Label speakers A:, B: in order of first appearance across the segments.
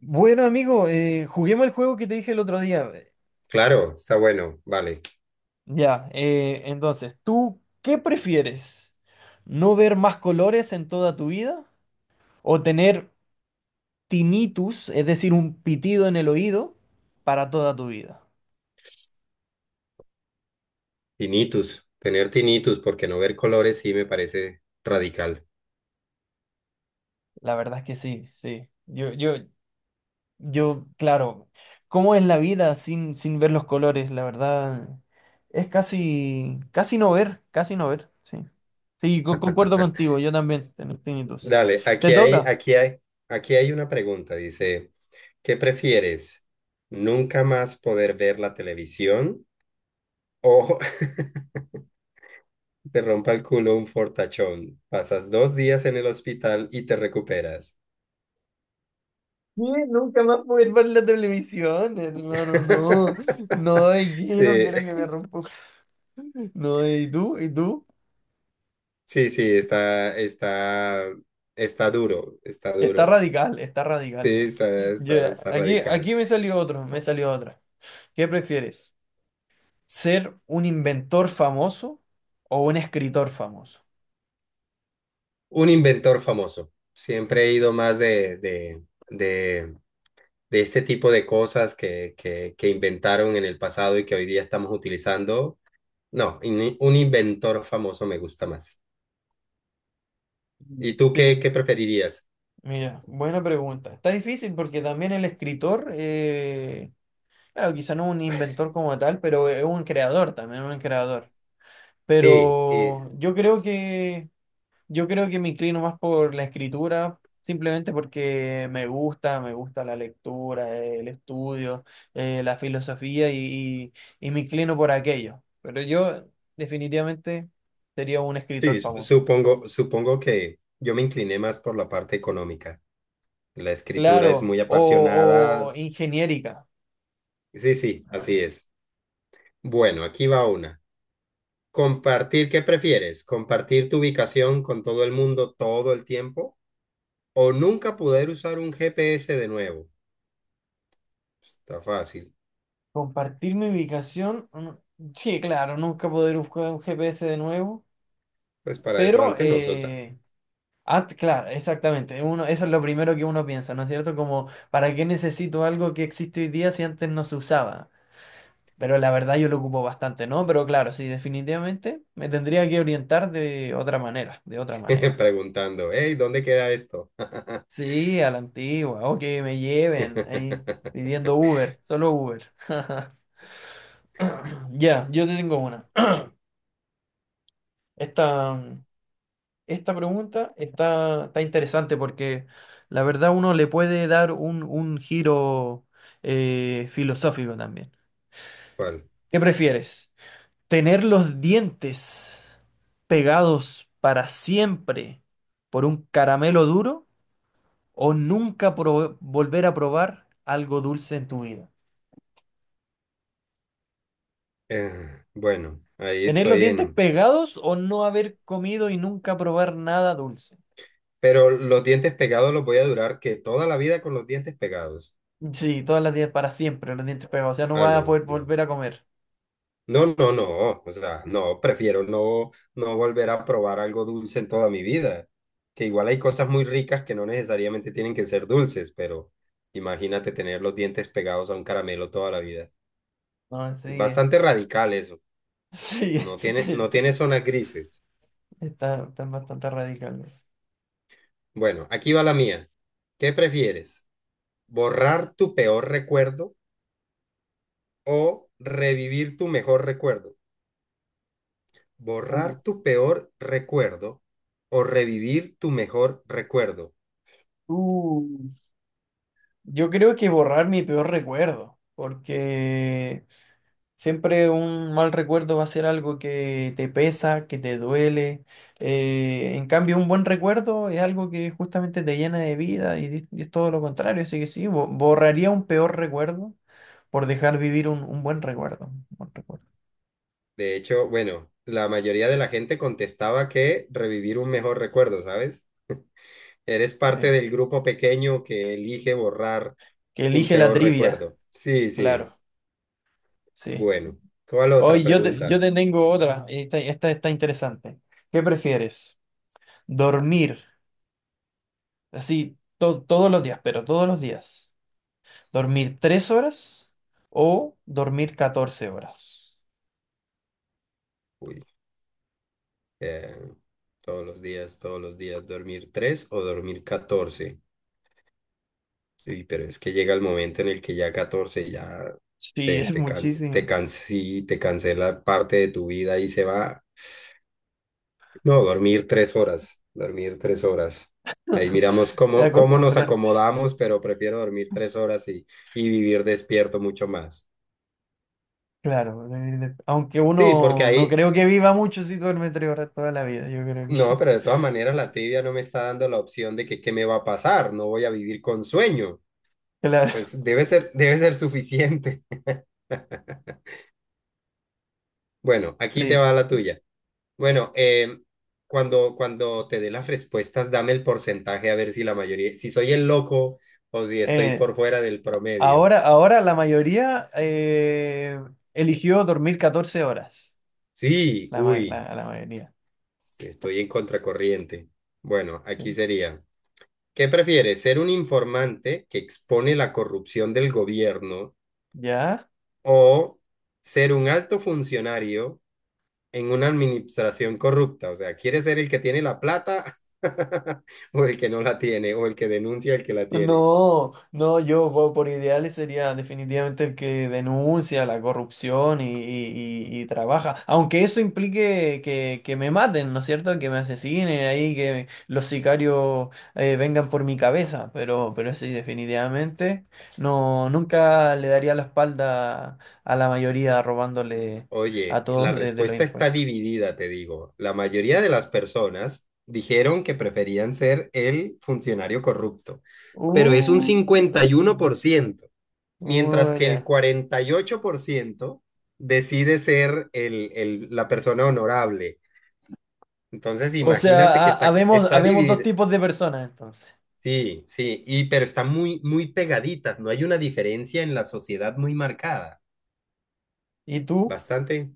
A: Bueno, amigo, juguemos el juego que te dije el otro día.
B: Claro, está bueno, vale.
A: Ya, entonces, ¿tú qué prefieres? ¿No ver más colores en toda tu vida? ¿O tener tinnitus, es decir, un pitido en el oído, para toda tu vida?
B: Tinnitus, tener tinnitus, porque no ver colores sí me parece radical.
A: La verdad es que sí, sí. Yo, claro, ¿cómo es la vida sin ver los colores? La verdad, es casi, casi no ver, sí. Sí, concuerdo contigo, yo también tengo tinnitus.
B: Dale,
A: ¿Te toca?
B: aquí hay una pregunta, dice, ¿qué prefieres? ¿Nunca más poder ver la televisión o te rompa el culo un fortachón? Pasas dos días en el hospital y te recuperas.
A: ¿Qué? Nunca más poder ver la televisión, hermano, no. No, y que no
B: Sí,
A: quiero que me rompa. No, y tú, y tú.
B: sí, sí, está duro, está duro.
A: Está
B: Sí,
A: radical, ¿no? Ya,
B: está
A: Aquí,
B: radical.
A: aquí me salió otro, me salió otra. ¿Qué prefieres? ¿Ser un inventor famoso o un escritor famoso?
B: Un inventor famoso. Siempre he ido más de, de este tipo de cosas que inventaron en el pasado y que hoy día estamos utilizando. No, un inventor famoso me gusta más.
A: Mm.
B: ¿Y tú
A: Sí,
B: qué preferirías?
A: mira, buena pregunta. Está difícil porque también el escritor, claro, quizá no un inventor como tal, pero es un creador también, un creador.
B: Sí, y-
A: Pero yo creo que me inclino más por la escritura, simplemente porque me gusta la lectura, el estudio, la filosofía y me inclino por aquello. Pero yo definitivamente sería un escritor
B: sí,
A: famoso.
B: supongo, supongo que yo me incliné más por la parte económica. La escritura es
A: Claro,
B: muy
A: o,
B: apasionada.
A: o ingeniérica.
B: Sí, sí, así es. Bueno, aquí va una. ¿Qué prefieres? ¿Compartir tu ubicación con todo el mundo todo el tiempo? ¿O nunca poder usar un GPS de nuevo? Está fácil.
A: Compartir mi ubicación. Sí, claro, nunca poder buscar un GPS de nuevo,
B: Pues para eso
A: pero
B: antes nosotros
A: claro, exactamente. Uno, eso es lo primero que uno piensa, ¿no es cierto? Como, ¿para qué necesito algo que existe hoy día si antes no se usaba? Pero la verdad yo lo ocupo bastante, ¿no? Pero claro, sí, definitivamente me tendría que orientar de otra manera, de otra manera.
B: preguntando, hey, ¿dónde queda esto?
A: Sí, a la antigua, o que me lleven ahí pidiendo Uber, solo Uber. Ya, yo te tengo una. Esta. Esta pregunta está, está interesante porque la verdad uno le puede dar un giro filosófico también.
B: ¿Cuál?
A: ¿Qué prefieres? ¿Tener los dientes pegados para siempre por un caramelo duro o nunca volver a probar algo dulce en tu vida?
B: Bueno, ahí
A: ¿Tener los
B: estoy
A: dientes
B: en...
A: pegados o no haber comido y nunca probar nada dulce?
B: Pero los dientes pegados los voy a durar que toda la vida con los dientes pegados.
A: Sí, todas las días para siempre, los dientes pegados. O sea, no
B: Ah,
A: vas a
B: no,
A: poder
B: no.
A: volver a comer.
B: No, no, no, o sea, no, prefiero no, no volver a probar algo dulce en toda mi vida, que igual hay cosas muy ricas que no necesariamente tienen que ser dulces, pero imagínate tener los dientes pegados a un caramelo toda la vida.
A: No, sí.
B: Bastante radical eso,
A: Sí,
B: no tiene, no tiene zonas grises.
A: están bastante radicales.
B: Bueno, aquí va la mía. ¿Qué prefieres? ¿Borrar tu peor recuerdo o revivir tu mejor recuerdo?
A: Uh,
B: ¿Borrar tu peor recuerdo o revivir tu mejor recuerdo?
A: uh. Yo creo que borrar mi peor recuerdo, porque siempre un mal recuerdo va a ser algo que te pesa, que te duele. En cambio, un buen recuerdo es algo que justamente te llena de vida y es todo lo contrario. Así que sí, borraría un peor recuerdo por dejar vivir un buen recuerdo. Un buen recuerdo.
B: De hecho, bueno, la mayoría de la gente contestaba que revivir un mejor recuerdo, ¿sabes? Eres parte
A: Sí.
B: del grupo pequeño que elige borrar
A: Que
B: un
A: elige la
B: peor
A: trivia,
B: recuerdo. Sí, sí.
A: claro, sí.
B: Bueno, ¿cuál otra
A: Hoy yo te, yo
B: pregunta?
A: te tengo otra. Esta está interesante. ¿Qué prefieres? ¿Dormir así todos los días, pero todos los días? ¿Dormir tres horas o dormir 14 horas?
B: Uy, eh, todos los días, ¿dormir tres o dormir catorce? Uy, pero es que llega el momento en el que ya 14 ya
A: Sí, es muchísimo.
B: sí, te cancela parte de tu vida y se va. No, dormir tres horas, dormir tres horas. Ahí miramos cómo, cómo nos
A: Acostumbrarte.
B: acomodamos, pero prefiero dormir tres horas y vivir despierto mucho más.
A: Claro, aunque
B: Sí, porque
A: uno no
B: ahí,
A: creo que viva mucho si duerme tres horas toda la vida, yo creo que.
B: no, pero de todas maneras la trivia no me está dando la opción de que qué me va a pasar, no voy a vivir con sueño.
A: Claro,
B: Pues debe ser, debe ser suficiente. Bueno, aquí te
A: sí.
B: va la tuya. Bueno, cuando te dé las respuestas, dame el porcentaje a ver si la mayoría, si soy el loco o si estoy
A: Eh,
B: por fuera del promedio.
A: ahora la mayoría eligió dormir 14 horas.
B: Sí, uy,
A: La mayoría.
B: estoy en contracorriente. Bueno, aquí
A: Sí.
B: sería, ¿qué prefieres? ¿Ser un informante que expone la corrupción del gobierno
A: ¿Ya?
B: o ser un alto funcionario en una administración corrupta? O sea, ¿quieres ser el que tiene la plata o el que no la tiene o el que denuncia el que la tiene?
A: No, no, por ideales sería definitivamente el que denuncia la corrupción y trabaja, aunque eso implique que me maten, ¿no es cierto? Que me asesinen ahí, que los sicarios vengan por mi cabeza, pero sí, definitivamente no, nunca le daría la espalda a la mayoría robándole a
B: Oye, la
A: todos desde los
B: respuesta está
A: impuestos.
B: dividida, te digo. La mayoría de las personas dijeron que preferían ser el funcionario corrupto, pero es un
A: Qué
B: cincuenta
A: la
B: y uno por
A: chingada.
B: ciento, mientras que el
A: Ya.
B: 48% decide ser la persona honorable. Entonces,
A: O sea,
B: imagínate que está,
A: habemos,
B: está
A: habemos dos
B: dividida.
A: tipos de personas entonces.
B: Sí, sí, y, pero está muy, muy pegaditas. No hay una diferencia en la sociedad muy marcada.
A: ¿Y tú?
B: Bastante.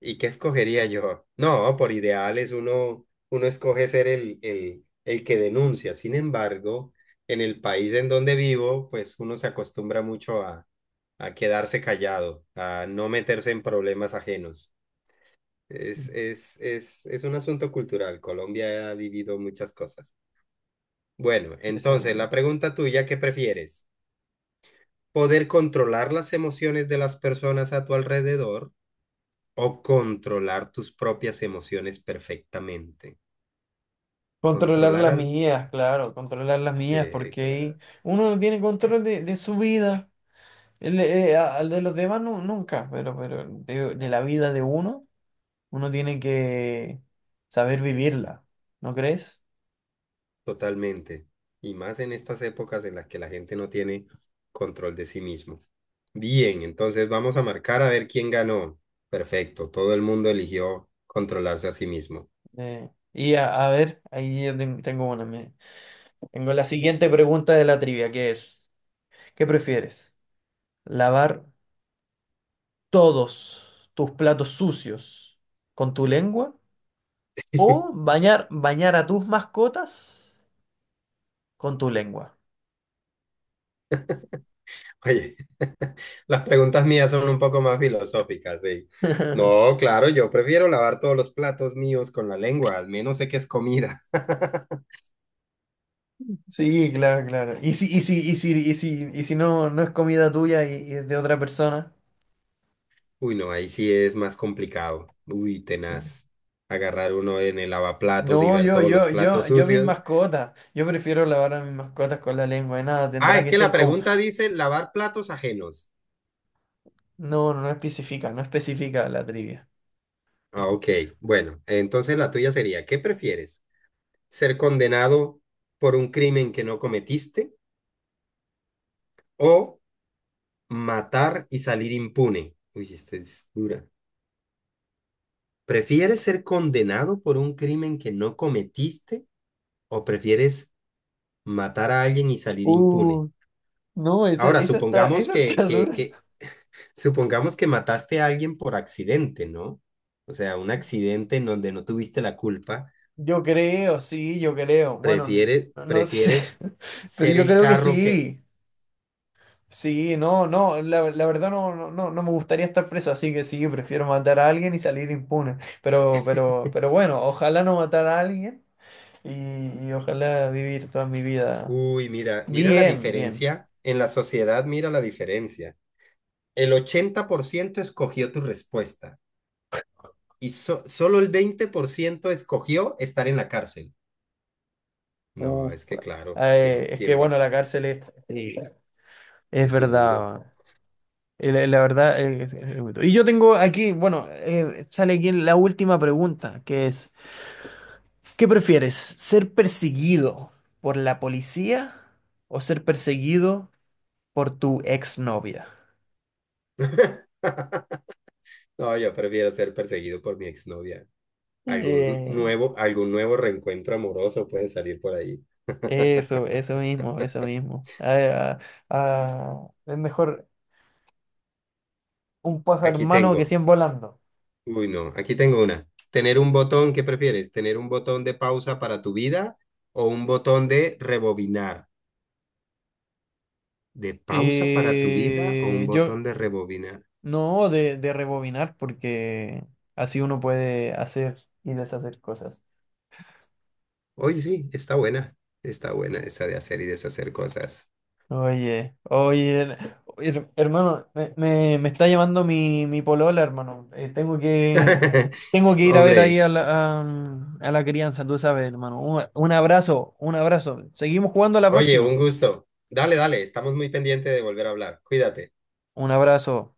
B: ¿Y qué escogería yo? No, por ideales uno, uno escoge ser el que denuncia. Sin embargo, en el país en donde vivo, pues uno se acostumbra mucho a quedarse callado, a no meterse en problemas ajenos. Es un asunto cultural. Colombia ha vivido muchas cosas. Bueno,
A: De
B: entonces la
A: seguro.
B: pregunta tuya, ¿qué prefieres? ¿Poder controlar las emociones de las personas a tu alrededor? O controlar tus propias emociones perfectamente.
A: Controlar
B: Controlar
A: las
B: al,
A: mías, claro, controlar las mías,
B: eh,
A: porque
B: cla-
A: ahí uno no tiene control de su vida. Al de los demás no nunca, pero de la vida de uno, uno tiene que saber vivirla, ¿no crees?
B: totalmente. Y más en estas épocas en las que la gente no tiene control de sí mismo. Bien, entonces vamos a marcar a ver quién ganó. Perfecto, todo el mundo eligió controlarse a sí mismo.
A: A ver, ahí yo tengo una. Tengo la siguiente pregunta de la trivia, que es, ¿qué prefieres? ¿Lavar todos tus platos sucios con tu lengua o bañar a tus mascotas con tu lengua?
B: Oye, las preguntas mías son un poco más filosóficas, sí. No, claro, yo prefiero lavar todos los platos míos con la lengua, al menos sé que es comida.
A: Sí, claro, claro. Y si, y si, y si, y si, y si no, no es comida tuya y es de otra persona.
B: Uy, no, ahí sí es más complicado. Uy,
A: Eh,
B: tenaz. Agarrar uno en el lavaplatos y
A: No,
B: ver
A: yo,
B: todos los
A: yo, yo,
B: platos
A: yo mis
B: sucios.
A: mascotas. Yo prefiero lavar a mis mascotas con la lengua y nada,
B: Ah,
A: tendrá
B: es
A: que
B: que la
A: ser como.
B: pregunta dice lavar platos ajenos.
A: No, no especifica, no especifica la trivia.
B: Ah, ok. Bueno, entonces la tuya sería, ¿qué prefieres? ¿Ser condenado por un crimen que no cometiste o matar y salir impune? Uy, esta es dura. ¿Prefieres ser condenado por un crimen que no cometiste o prefieres matar a alguien y salir impune?
A: Uh, no,
B: Ahora, supongamos
A: esa está dura.
B: que Supongamos que mataste a alguien por accidente, ¿no? O sea, un accidente en donde no tuviste la culpa,
A: Yo creo, sí, yo creo. Bueno,
B: prefieres,
A: no, no sé,
B: prefieres
A: pero
B: ser
A: yo
B: el
A: creo que
B: carro que...
A: sí. Sí, no, no, la verdad no, no, no me gustaría estar preso, así que sí, prefiero matar a alguien y salir impune. Pero bueno, ojalá no matar a alguien y ojalá vivir toda mi vida
B: Uy, mira, mira la
A: bien, bien.
B: diferencia. En la sociedad, mira la diferencia. El 80% escogió tu respuesta y solo el 20% escogió estar en la cárcel. No,
A: Uf,
B: es que claro, ¿quién,
A: es que
B: quién va?
A: bueno, la cárcel es, sí, es
B: Es duro.
A: verdad. La, la verdad, es muy duro. Y yo tengo aquí, bueno, sale aquí la última pregunta, que es... ¿Qué prefieres? ¿Ser perseguido por la policía o ser perseguido por tu exnovia?
B: No, yo prefiero ser perseguido por mi exnovia.
A: Eh,
B: Algún nuevo reencuentro amoroso puede salir por ahí.
A: Eso, eso mismo, eso mismo. Ah, ah, ah, es mejor un pájaro en
B: Aquí
A: mano que
B: tengo.
A: 100 volando.
B: Uy, no, aquí tengo una. ¿Qué prefieres? ¿Tener un botón de pausa para tu vida o un botón de rebobinar? ¿De pausa para tu vida o un
A: Yo
B: botón de rebobinar?
A: no de rebobinar porque así uno puede hacer y deshacer cosas.
B: Oye, sí, está buena. Está buena esa de hacer y deshacer cosas.
A: Oye, oye, hermano, me está llamando mi polola, hermano. Tengo que ir a ver ahí
B: Hombre,
A: a a, a la crianza, tú sabes, hermano. Un abrazo, un abrazo. Seguimos jugando a la
B: oye,
A: próxima.
B: un gusto. Dale, dale, estamos muy pendientes de volver a hablar. Cuídate.
A: Un abrazo.